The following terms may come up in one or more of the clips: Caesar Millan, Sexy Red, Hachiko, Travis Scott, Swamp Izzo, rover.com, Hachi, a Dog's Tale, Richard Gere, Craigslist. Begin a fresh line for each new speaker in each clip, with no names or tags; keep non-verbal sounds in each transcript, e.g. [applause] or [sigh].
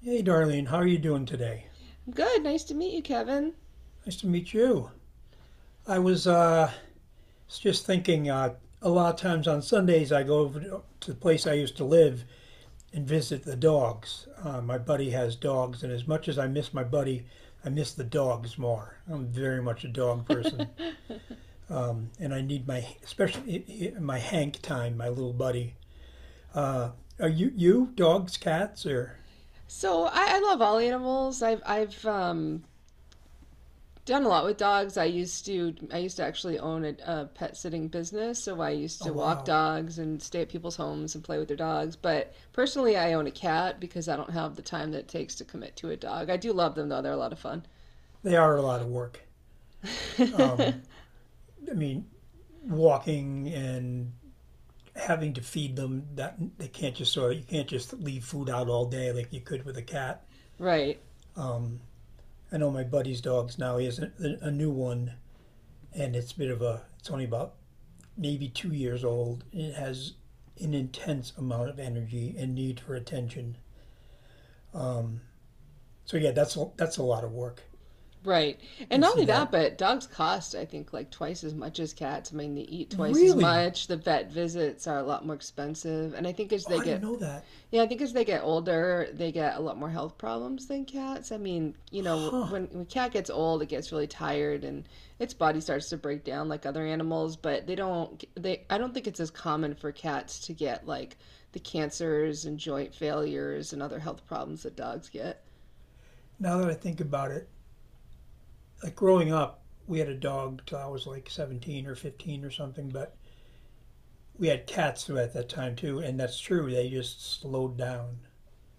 Hey, Darlene, how are you doing today?
Good. Nice to meet you, Kevin.
Nice to meet you. I was just thinking a lot of times on Sundays I go over to the place I used to live and visit the dogs. My buddy has dogs, and as much as I miss my buddy, I miss the dogs more. I'm very much a dog person,
[laughs]
and I need especially my Hank time, my little buddy. Are you, dogs, cats, or?
So I love all animals. I've done a lot with dogs. I used to actually own a pet sitting business, so I used
Oh,
to walk
wow.
dogs and stay at people's homes and play with their dogs. But personally, I own a cat because I don't have the time that it takes to commit to a dog. I do love them though; they're a lot of fun.
They are a lot of work. Um,
[laughs]
I mean, walking and having to feed them that they can't just sort of you can't just leave food out all day like you could with a cat.
Right.
Um, I know my buddy's dogs now. He has a new one, and it's a bit of a. It's only about maybe 2 years old. And it has an intense amount of energy and need for attention. Um, so yeah, that's a lot of work.
Right.
You
And
can
not
see
only that,
that.
but dogs cost, I think, like twice as much as cats. I mean, they eat twice as
Really?
much. The vet visits are a lot more expensive. And I think as
Oh,
they
I didn't
get,
know that.
Yeah, I think as they get older, they get a lot more health problems than cats. I mean, you know,
Huh.
when a cat gets old, it gets really tired and its body starts to break down like other animals, but they don't, I don't think it's as common for cats to get like the cancers and joint failures and other health problems that dogs get.
Now that I think about it, like growing up, we had a dog till I was like 17 or 15 or something, but we had cats at that time too, and that's true. They just slowed down.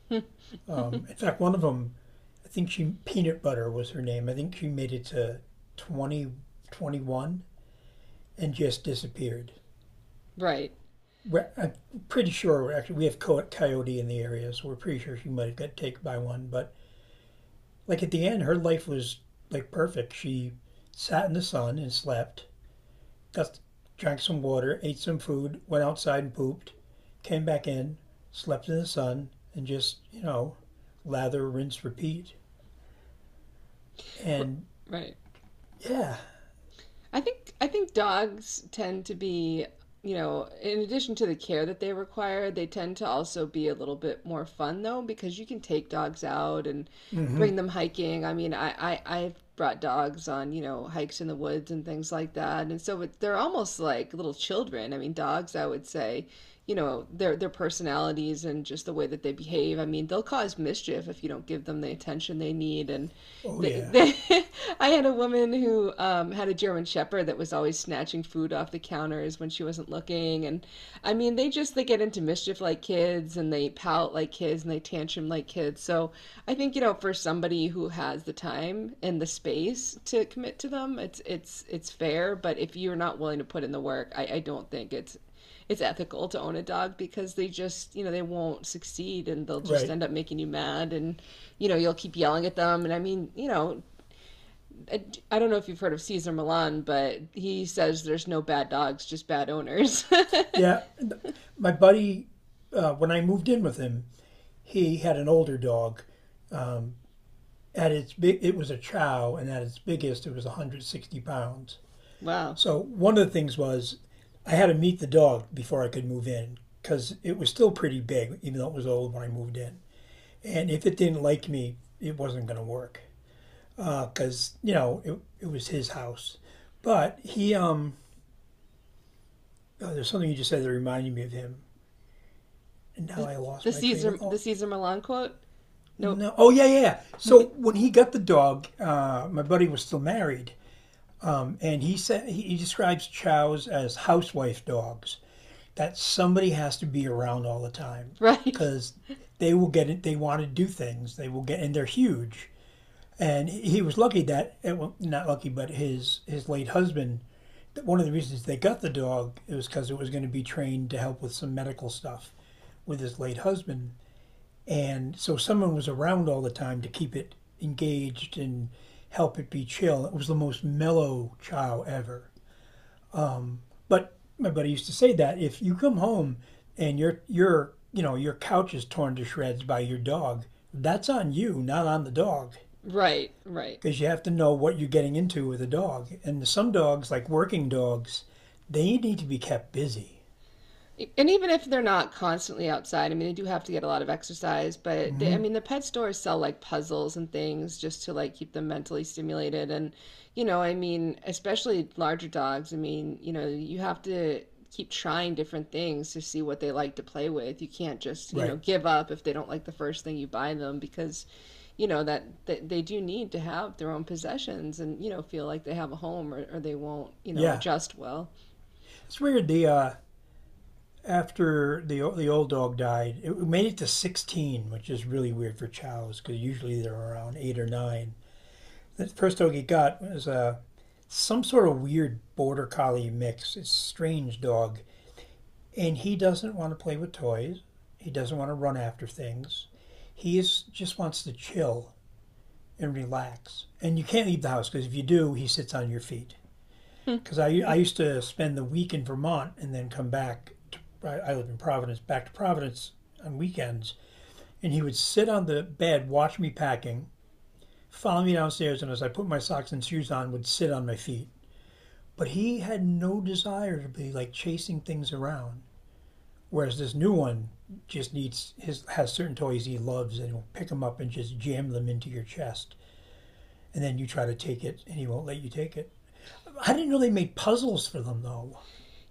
[laughs]
In fact, I think she Peanut Butter was her name. I think she made it to 20, 21, and just disappeared.
Right.
I'm pretty sure actually we have coyote in the area, so we're pretty sure she might have got taken by one. But like at the end, her life was like perfect. She sat in the sun and slept. Just drank some water, ate some food, went outside and pooped, came back in, slept in the sun, and just lather, rinse, repeat.
R-
And
Right.
yeah.
I think dogs tend to be, you know, in addition to the care that they require, they tend to also be a little bit more fun though, because you can take dogs out and
mm hmm
bring them hiking. I mean, I've brought dogs on, you know, hikes in the woods and things like that, and so it, they're almost like little children. I mean, dogs, I would say, you know, their personalities and just the way that they behave. I mean, they'll cause mischief if you don't give them the attention they need and
Oh,
they,
yeah.
they, [laughs] I had a woman who had a German Shepherd that was always snatching food off the counters when she wasn't looking, and I mean, they just they get into mischief like kids, and they pout like kids, and they tantrum like kids. So I think, you know, for somebody who has the time and the space to commit to them, it's fair. But if you're not willing to put in the work, I don't think it's ethical to own a dog because they just, you know, they won't succeed and they'll just
Right.
end up making you mad and, you know, you'll keep yelling at them. And I mean, you know, I, I don't know if you've heard of Caesar Milan, but he says there's no bad dogs, just bad owners.
Yeah. My buddy, when I moved in with him, he had an older dog. Um, at its big, it was a chow, and at its biggest, it was 160 pounds.
[laughs] Wow.
So one of the things was I had to meet the dog before I could move in because it was still pretty big, even though it was old when I moved in. And if it didn't like me, it wasn't going to work because you know it was his house. But oh, there's something you just said that reminded me of him, and now
The,
I
the
lost my train of
Caesar the
thought.
Caesar Milan quote? Nope.
No, oh yeah, yeah. So
[laughs]
when he got the dog, my buddy was still married, and he said he describes chows as housewife dogs that somebody has to be around all the time
Right.
because they will get it. They want to do things. They will get, and they're huge. And he was lucky that, well, not lucky, but his late husband. One of the reasons they got the dog was because it was going to be trained to help with some medical stuff with his late husband. And so someone was around all the time to keep it engaged and help it be chill. It was the most mellow chow ever. But my buddy used to say that if you come home and your your couch is torn to shreds by your dog, that's on you, not on the dog,
Right, right.
because you have to know what you're getting into with a dog. And some dogs, like working dogs, they need to be kept busy.
And even if they're not constantly outside, I mean, they do have to get a lot of exercise, but they, I
Hmm.
mean, the pet stores sell like puzzles and things just to like keep them mentally stimulated. And, you know, I mean, especially larger dogs, I mean, you know, you have to keep trying different things to see what they like to play with. You can't just, you know,
Right?
give up if they don't like the first thing you buy them because, you know, that they do need to have their own possessions and, you know, feel like they have a home, or they won't, you know,
Yeah.
adjust well.
It's weird. The After the old dog died, it made it to 16, which is really weird for chows because usually they're around 8 or 9. The first dog he got was some sort of weird border collie mix. It's a strange dog. And he doesn't want to play with toys. He doesn't want to run after things. Just wants to chill and relax. And you can't leave the house because if you do, he sits on your feet. Because I
[laughs]
used to spend the week in Vermont and then come back. I live in Providence, back to Providence on weekends. And he would sit on the bed, watch me packing, follow me downstairs, and as I put my socks and shoes on, would sit on my feet. But he had no desire to be like chasing things around. Whereas this new one just needs his has certain toys he loves and he will pick them up and just jam them into your chest, and then you try to take it and he won't let you take it. I didn't know they made puzzles for them though.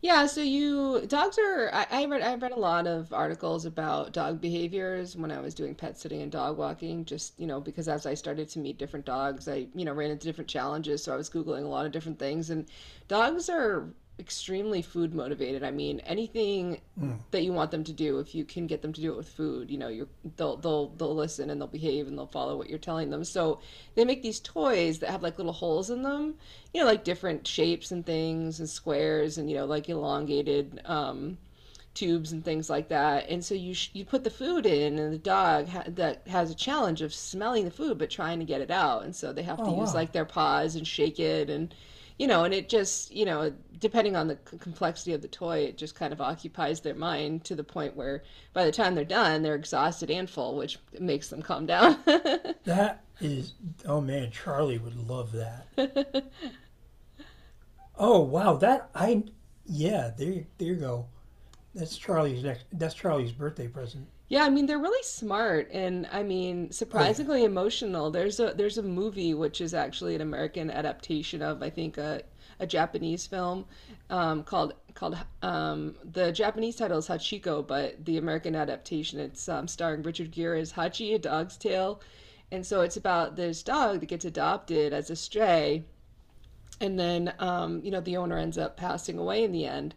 Yeah, so you dogs are I read a lot of articles about dog behaviors when I was doing pet sitting and dog walking, just, you know, because as I started to meet different dogs, I, you know, ran into different challenges, so I was Googling a lot of different things and dogs are extremely food motivated. I mean, anything
Hmm.
that you want them to do, if you can get them to do it with food, you know, you're they'll listen and they'll behave and they'll follow what you're telling them. So they make these toys that have like little holes in them, you know, like different shapes and things and squares and, you know, like elongated tubes and things like that. And so you put the food in, and the dog ha that has a challenge of smelling the food but trying to get it out. And so they have to
Oh
use
wow,
like their paws and shake it and, you know, and it just, you know, depending on the complexity of the toy, it just kind of occupies their mind to the point where by the time they're done, they're exhausted and full, which makes them calm down.
that is oh man, Charlie would love that.
[laughs]
Oh wow, that I yeah there you go. That's Charlie's next. That's Charlie's birthday present.
Yeah, I mean they're really smart and I mean
Oh yeah.
surprisingly emotional. There's a movie which is actually an American adaptation of I think a Japanese film, called the Japanese title is Hachiko, but the American adaptation, it's starring Richard Gere as Hachi, a Dog's Tale, and so it's about this dog that gets adopted as a stray and then, you know, the owner ends up passing away in the end,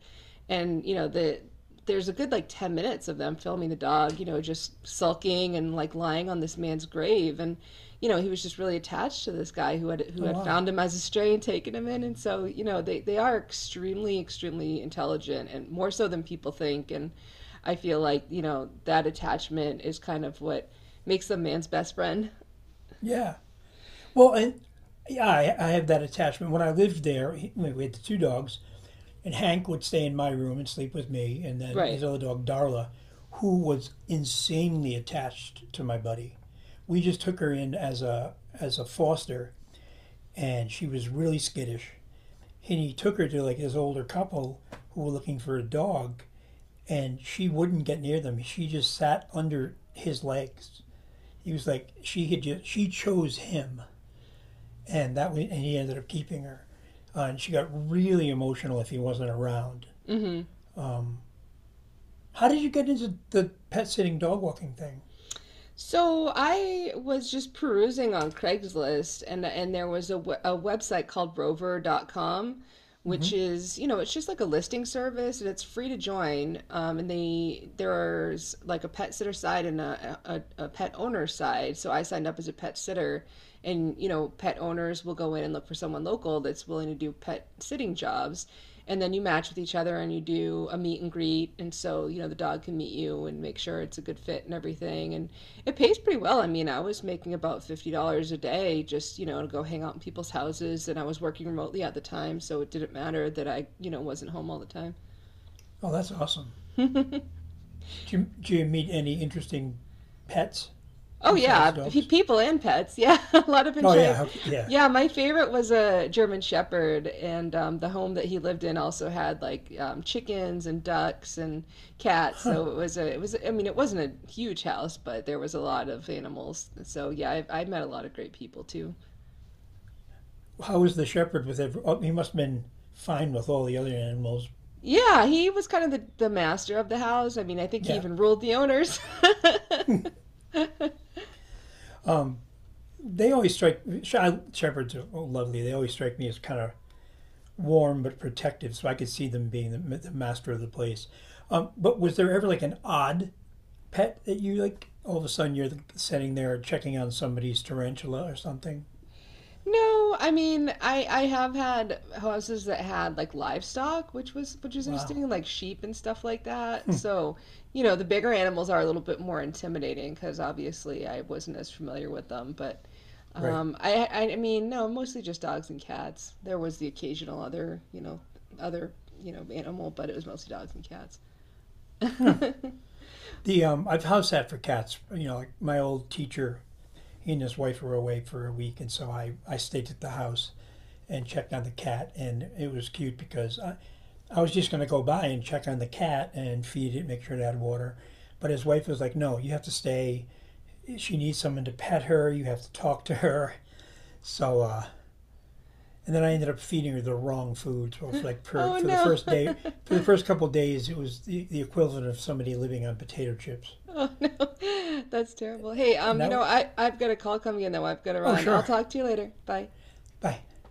and you know, there's a good like 10 minutes of them filming the dog, you know, just sulking and like lying on this man's grave, and you know, he was just really attached to this guy who had who
Oh
had
wow.
found him as a stray and taken him in. And so, you know, they are extremely extremely intelligent and more so than people think. And I feel like, you know, that attachment is kind of what makes them man's best friend.
Yeah. Well, and yeah, I have that attachment. When I lived there, we had the two dogs, and Hank would stay in my room and sleep with me, and then
Right.
his other dog, Darla, who was insanely attached to my buddy. We just took her in as a foster, and she was really skittish. And he took her to like this older couple who were looking for a dog, and she wouldn't get near them. She just sat under his legs. He was like she had just she chose him and that was, and he ended up keeping her. And she got really emotional if he wasn't around.
Hmm.
How did you get into the pet sitting dog walking thing?
So I was just perusing on Craigslist, and there was a website called rover.com, which
Hmm.
is, you know, it's just like a listing service and it's free to join. And they there's like a pet sitter side and a pet owner side. So I signed up as a pet sitter and, you know, pet owners will go in and look for someone local that's willing to do pet sitting jobs. And then you match with each other and you do a meet and greet. And so, you know, the dog can meet you and make sure it's a good fit and everything. And it pays pretty well. I mean, I was making about $50 a day, just, you know, to go hang out in people's houses, and I was working remotely at the time, so it didn't matter that I, you know, wasn't home all the time.
Oh, that's awesome.
[laughs]
Did did you meet any interesting pets
Oh yeah,
besides dogs?
people and pets. Yeah, [laughs] a lot of
Oh
Pinchai.
yeah, okay, yeah.
Yeah, my favorite was a German Shepherd, and the home that he lived in also had like chickens and ducks and cats.
Huh.
So it was a, it was. I mean, it wasn't a huge house, but there was a lot of animals. So yeah, I met a lot of great people too.
How was the shepherd with every? Oh, he must have been fine with all the other animals.
Yeah, he was kind of the master of the house. I mean, I think he
Yeah.
even ruled the owners. [laughs]
Um. They always strike. Shepherds are oh, lovely. They always strike me as kind of warm but protective, so I could see them being the master of the place. But was there ever like an odd pet that you like? All of a sudden, you're sitting there checking on somebody's tarantula or something.
No, I mean, I have had houses that had like livestock, which was
Wow,
interesting, like sheep and stuff like that. So, you know, the bigger animals are a little bit more intimidating because obviously I wasn't as familiar with them. But
right.
I mean, no, mostly just dogs and cats. There was the occasional other, you know, animal, but it was mostly dogs and cats. [laughs]
The I've house sat for cats. You know, like my old teacher, he and his wife were away for a week, and so I stayed at the house and checked on the cat, and it was cute because I. I was just going to go by and check on the cat and feed it, make sure it had water. But his wife was like, no, you have to stay, she needs someone to pet her. You have to talk to her. So, and then I ended up feeding her the wrong food. So for
Oh
for the first day, for
no. [laughs]
the first couple of days, it was the equivalent of somebody living on potato chips.
Oh no, [laughs] that's terrible. Hey,
And
you
that
know,
was,
I've got a call coming in though. I've got to
oh
run. I'll
sure,
talk to you later. Bye.
bye.